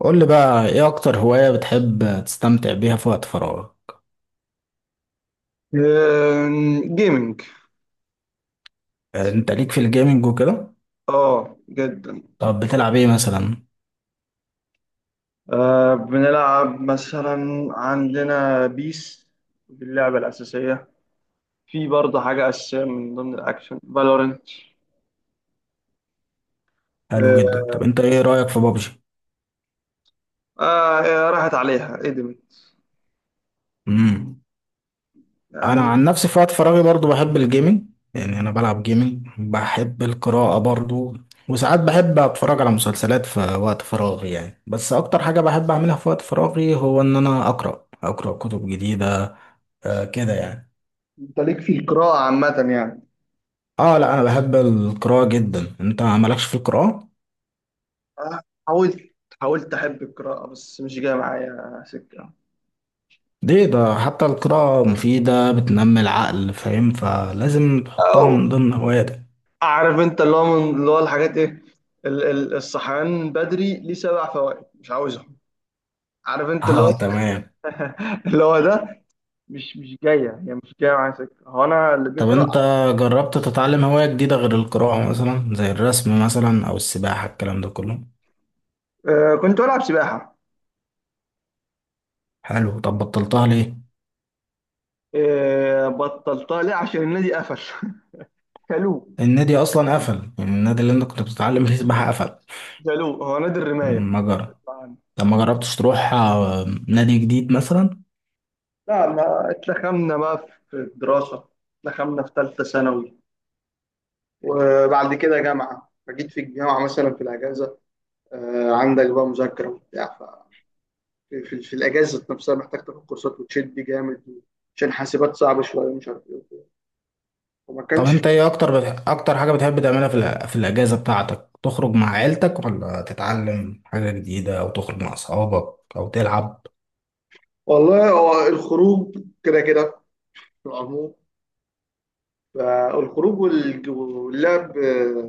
قول لي بقى ايه اكتر هواية بتحب تستمتع بيها في وقت فراغك؟ جيمنج. يعني انت ليك في الجيمنج وكده. اه، جدا. طب بتلعب ايه مثلا؟ بنلعب مثلا عندنا بيس. دي اللعبة الأساسية. في برضه حاجة أساسية من ضمن الأكشن، فالورنت. حلو آه, جدا. طب انت ايه رأيك في بابجي؟ راحت عليها، قدمت. امم. انا يعني. عن نفسي في وقت فراغي برضو بحب الجيمنج، يعني انا بلعب جيمنج. بحب القراءة برضو، وساعات بحب اتفرج على مسلسلات في وقت فراغي يعني، بس اكتر حاجة بحب اعملها في وقت فراغي هو ان انا اقرأ كتب جديدة. آه كده يعني. أنت ليك في القراءة عامة يعني؟ اه، لا انا بحب القراءة جدا. انت مالكش في القراءة؟ آه. حاولت. أحب القراءة، بس مش جاية معايا سكة. ليه؟ ده حتى القراءة مفيدة، بتنمي العقل، فاهم؟ فلازم تحطها أو. من ضمن هواياتك. أعرف أنت اللي هو، من اللي هو الحاجات إيه، الصحيان بدري ليه 7 فوائد مش عاوزهم. عارف أنت اللي هو. اه تمام. اللي هو ده. مش جايه، هي مش جايه معايا سكه، هو انا اللي طب بيقرا. انت جربت تتعلم هواية جديدة غير القراءة، مثلا زي الرسم مثلا، او السباحة، الكلام ده كله؟ كنت بلعب سباحه. حلو. طب بطلتها ليه؟ بطلتها ليه؟ عشان النادي قفل. شالوه. النادي اصلا قفل؟ يعني النادي اللي انت كنت بتتعلم فيه سباحة قفل؟ شالوه، هو نادي الرمايه. ما جرى. طب ما جربتش تروح نادي جديد مثلا؟ لا، ما اتلخمنا بقى في الدراسه. اتلخمنا في ثالثه ثانوي. وبعد كده جامعه، فجيت في الجامعه مثلا في الاجازه. عندك بقى مذاكره وبتاع ف. في الاجازه نفسها، محتاج تاخد كورسات وتشد جامد. عشان حاسبات صعبه شويه، مش عارف ايه وكده. وما طب كانش. انت ايه اكتر اكتر حاجة بتحب تعملها في في الاجازة بتاعتك؟ تخرج مع عيلتك، ولا تتعلم حاجة جديدة، او تخرج مع اصحابك، او تلعب؟ والله، هو الخروج كده كده، في العموم. فالخروج، واللعب.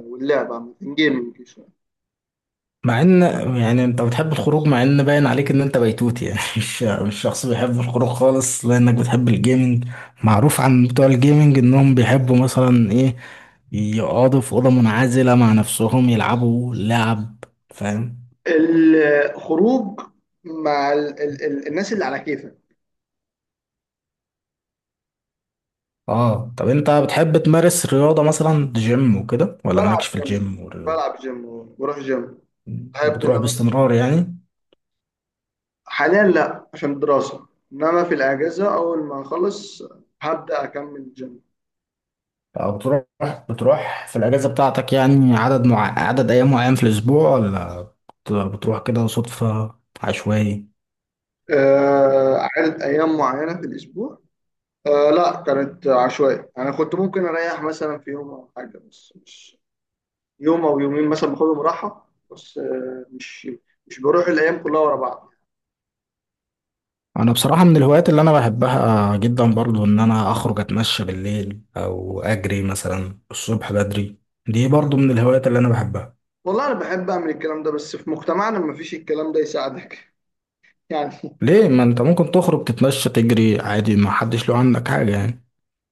واللعب عامة، جيمنج شوية. مع ان يعني انت بتحب الخروج، مع ان باين عليك ان انت بيتوت يعني مش شخص بيحب الخروج خالص، لانك بتحب الجيمنج. معروف عن بتوع الجيمنج انهم بيحبوا مثلا ايه؟ يقعدوا في أوضة منعزلة مع نفسهم يلعبوا لعب، فاهم؟ الخروج مع ال ال ال الناس اللي على كيفك. اه. طب انت بتحب تمارس رياضة، مثلا جيم وكده، ولا بلعب مالكش في جيم. الجيم والرياضة؟ بلعب جيم وبروح جيم. بحب ان بتروح انا بس-. باستمرار يعني، حاليا لا، عشان دراسة. انما في الاجازة اول ما اخلص، هبدأ اكمل جيم. او بتروح في الاجازه بتاعتك يعني، عدد ايام معين في الاسبوع، ولا بتروح كده صدفه، عشوائي؟ آه، عدد ايام معينة في الاسبوع. آه، لا كانت عشوائية، انا كنت ممكن اريح مثلا في يوم او حاجة، بس مش. يوم او يومين مثلا باخدهم راحه، بس مش. مش بروح الايام كلها ورا بعض. انا بصراحه من الهوايات اللي انا بحبها جدا برضو، ان انا اخرج اتمشى بالليل، او اجري مثلا الصبح بدري. دي برضو من الهوايات اللي انا بحبها. والله انا بحب اعمل الكلام ده، بس في مجتمعنا ما فيش الكلام ده يساعدك. يعني. ليه؟ ما انت ممكن تخرج تتمشى تجري عادي، ما حدش له عنك حاجه يعني.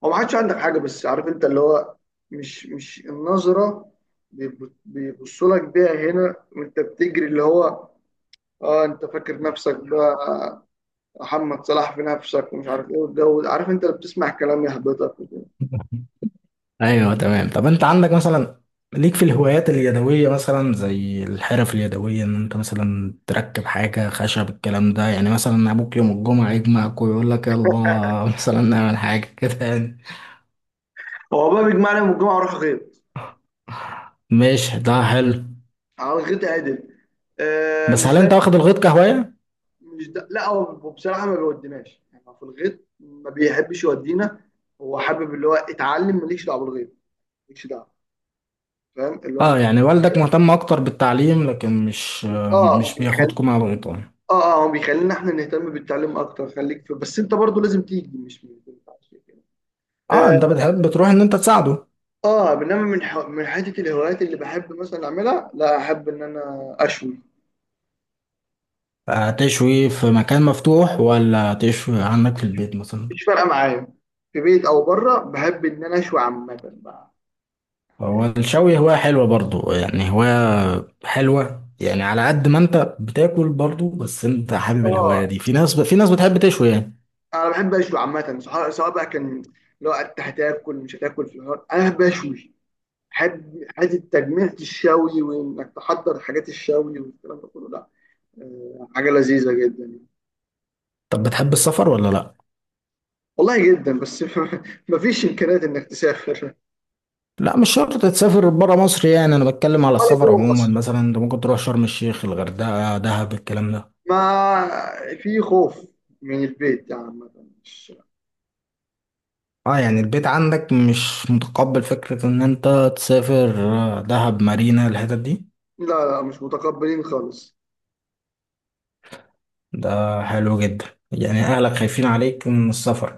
هو ما حدش عندك حاجه، بس عارف انت اللي هو، مش النظره، بيبصوا لك بيها هنا وانت بتجري، اللي هو. اه، انت فاكر نفسك بقى محمد صلاح في نفسك ومش عارف ايه والجو ده. عارف، انت اللي بتسمع كلام يهبطك وكده. ايوه تمام. طب انت عندك مثلا، ليك في الهوايات اليدويه، مثلا زي الحرف اليدويه، ان انت مثلا تركب حاجه خشب، الكلام ده؟ يعني مثلا ابوك يوم الجمعه يجمعك ويقول لك يلا مثلا نعمل حاجه كده يعني. هو بقى بيجمعني يوم الجمعه، اروح غيط. ماشي ده حلو. على الغيط عدل. بس مش هل زي. انت واخد الغيط كهوايه؟ مش ده لا، هو بصراحه ما بيوديناش يعني، هو في الغيط ما بيحبش يودينا. هو حابب، اللي هو، اتعلم ماليش دعوه بالغيط. ماليش دعوه. فاهم اللي هو. اه يعني والدك مهتم اكتر بالتعليم، لكن مش اه، مش بيخلي. بياخدكم مع الغيطان. اه، اه، هو بيخلينا احنا نهتم بالتعليم اكتر، خليك في، بس انت برضو لازم تيجي، مش ينفعش كده. اه، اه. انت بتحب تروح ان انت تساعده. آه، بينما من حته الهوايات اللي بحب مثلا اعملها، لا احب ان انا اشوي. تشوي في مكان مفتوح، ولا تشوي عندك في البيت مثلا؟ مش فارقه معايا. في بيت او بره، بحب ان انا اشوي عامه بقى. هو الشوي هواية حلوة برضو، يعني هواية حلوة، يعني على قد ما انت بتاكل برضو، بس انت حابب اه، الهواية دي. في ناس بتحب تشوي يعني. انا بحب اشوي عامه، سواء بقى كان لو انت هتاكل مش هتاكل في النهار، انا بحب اشوي. بحب حته تجميع الشوي، وانك تحضر حاجات الشوي والكلام ده كله، لا. آه، حاجه لذيذه جدا يعني. طب بتحب السفر ولا لا؟ والله جدا، بس. مفيش امكانيات انك تسافر. لا، مش شرط تسافر برا مصر، يعني انا بتكلم على ولا السفر جوه عموما، مصر، مثلا انت ممكن تروح شرم الشيخ، الغردقة، دهب، الكلام ده. ما في خوف من البيت يعني، عامه. مش. اه يعني البيت عندك مش متقبل فكرة ان انت تسافر دهب، مارينا، الحتت دي. لا، لا، مش متقبلين خالص. ده حلو جدا. يعني اهلك خايفين عليك من السفر.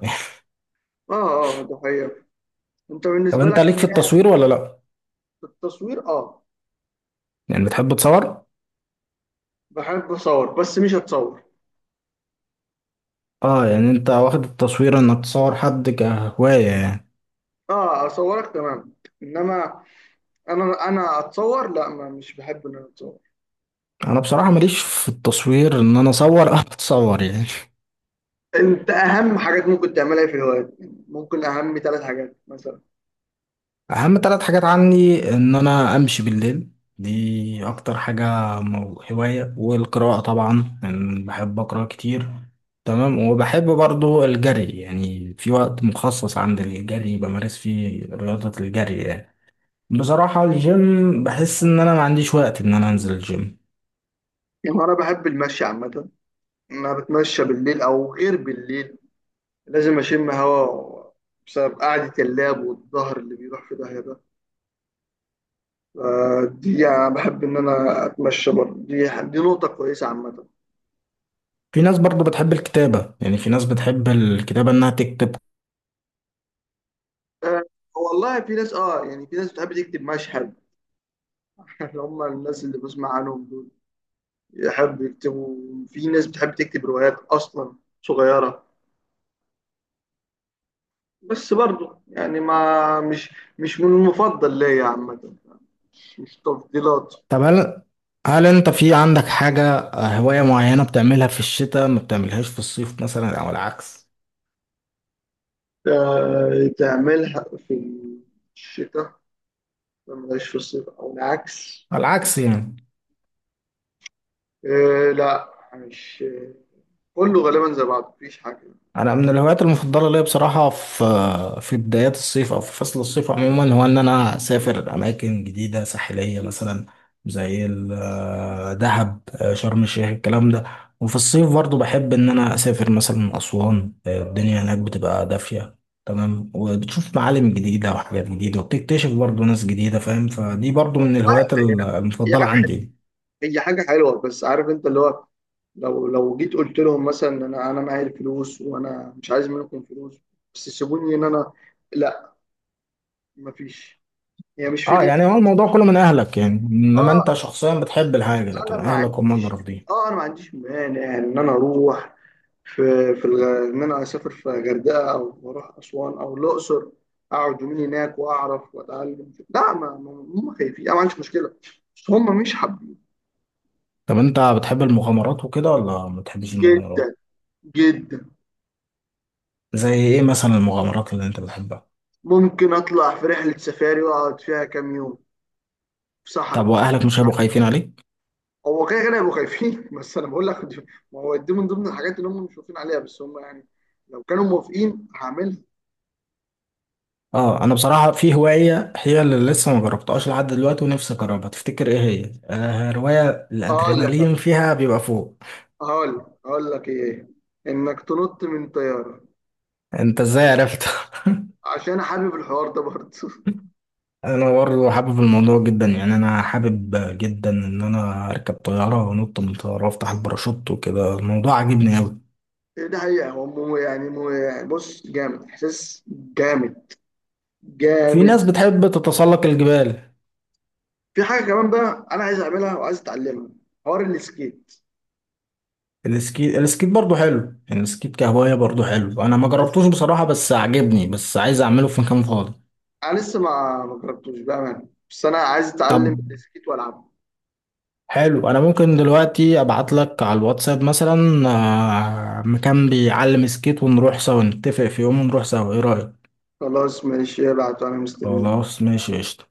اه. اه، ده حقيقة. انت طب بالنسبه انت لك ليك في ايه اهم التصوير ولا هواية؟ لا؟ التصوير، اه. يعني بتحب تصور؟ بحب اصور، بس مش هتصور. اه يعني انت واخد التصوير انك تصور حد كهواية يعني. اه، اصورك تمام. انما انا اتصور، لا ما مش بحب ان انا اتصور. انا بصراحة ماليش في التصوير، ان انا اصور او اتصور يعني. انت اهم حاجات ممكن تعملها في الهوايات؟ ممكن اهم 3 حاجات مثلا؟ اهم 3 حاجات عني ان انا امشي بالليل، دي اكتر حاجة، هواية، والقراءة طبعا يعني، بحب اقرا كتير. تمام. وبحب برضو الجري، يعني في وقت مخصص عند الجري بمارس فيه رياضة الجري يعني. بصراحة الجيم بحس ان انا ما عنديش وقت ان انا انزل الجيم. يعني انا بحب المشي عامه. انا بتمشى بالليل او غير بالليل. لازم اشم هوا. بسبب قعده اللاب والظهر اللي بيروح في داهيه ده. آه، دي يعني انا بحب ان انا اتمشى برضه، دي نقطه كويسه عامه. في ناس برضو بتحب الكتابة، يعني في ناس بتحب الكتابة إنها تكتب. آه. والله في ناس، اه يعني، في ناس بتحب تكتب مشهد. اللي هم الناس اللي بسمع عنهم دول يحب يكتبوا. في ناس بتحب تكتب روايات اصلا، صغيره. بس برضه يعني ما مش، مش من المفضل ليا عامه. مش تفضيلات. طب هل أنت في عندك حاجة، هواية معينة بتعملها في الشتاء ما بتعملهاش في الصيف مثلا، أو العكس؟ آه، تعملها في الشتاء ما ملهاش في الصيف او العكس؟ على العكس يعني. آه، لا مش. كله غالبا زي بعض، مفيش حاجه. انا من الهوايات المفضله ليا بصراحه، في بدايات الصيف، او في فصل الصيف عموما، هو ان انا اسافر اماكن جديده ساحليه مثلا، زي دهب، شرم الشيخ، الكلام ده. وفي الصيف برضو بحب ان انا اسافر مثلا اسوان، الدنيا هناك بتبقى دافيه تمام، وبتشوف معالم جديده وحاجات جديده، وبتكتشف برضو ناس جديده، فاهم؟ فدي برضو من آه، الهوايات هي هي المفضله حاجه عندي. هي حاجه حلوه، بس عارف انت اللي هو، لو جيت قلت لهم مثلا، انا معايا الفلوس، وانا مش عايز منكم فلوس، بس سيبوني ان انا. مفيش. هي يعني مش اه فكره يعني هو فلوس. الموضوع كله من اهلك، يعني انما انت اه، شخصيا بتحب الحاجه، لكن انا ما اهلك هم اللي عنديش. رافضين. اه، انا ما عنديش مانع ان انا اروح في ان انا اسافر في غردقه او اروح اسوان او الاقصر، اقعد يومين هناك واعرف واتعلم، لا، هم خايفين، انا ما عنديش مشكله، بس هم مش حابين. طب انت بتحب المغامرات وكده، ولا ما بتحبش جدا. المغامرات؟ جدا. زي ايه مثلا المغامرات اللي انت بتحبها؟ ممكن اطلع في رحله سفاري واقعد فيها كام يوم، في طب صحراء. واهلك مش هيبقوا يعني. خايفين عليك؟ هو كده كده هيبقوا خايفين، بس انا بقول لك، ما هو دي من ضمن الحاجات اللي هم مش واقفين عليها، بس هم يعني لو كانوا موافقين هعملها. اه انا بصراحه في هوايه، هي اللي لسه ما جربتهاش لحد دلوقتي ونفسي اجربها، تفتكر ايه هي؟ روايه هقول لك الادرينالين فيها بيبقى فوق. هقول لك ايه؟ انك تنط من طياره. انت ازاي عرفت؟ عشان حابب الحوار ده برضه. انا برضه حابب الموضوع جدا يعني، انا حابب جدا ان انا اركب طياره وانط من طياره وافتح الباراشوت وكده، الموضوع عاجبني قوي. إيه، ده حقيقه، هو مو يعني بص جامد، احساس جامد. في جامد. ناس بتحب تتسلق الجبال. في حاجه كمان بقى انا عايز اعملها وعايز اتعلمها، حوار السكيت. السكيت، السكيت برضه حلو يعني، السكيت كهواية برضه حلو. انا ما بس جربتوش بصراحة، بس عجبني، بس عايز اعمله في مكان فاضي. انا لسه ما جربتوش بقى، بس انا عايز اتعلم طب السكيت والعبه. حلو، انا ممكن دلوقتي ابعت لك على الواتساب مثلا مكان بيعلم سكيت، ونروح سوا نتفق في يوم ونروح سوا، ايه رأيك؟ خلاص ماشي، ابعت وانا مستنيك. خلاص ماشي قشطة.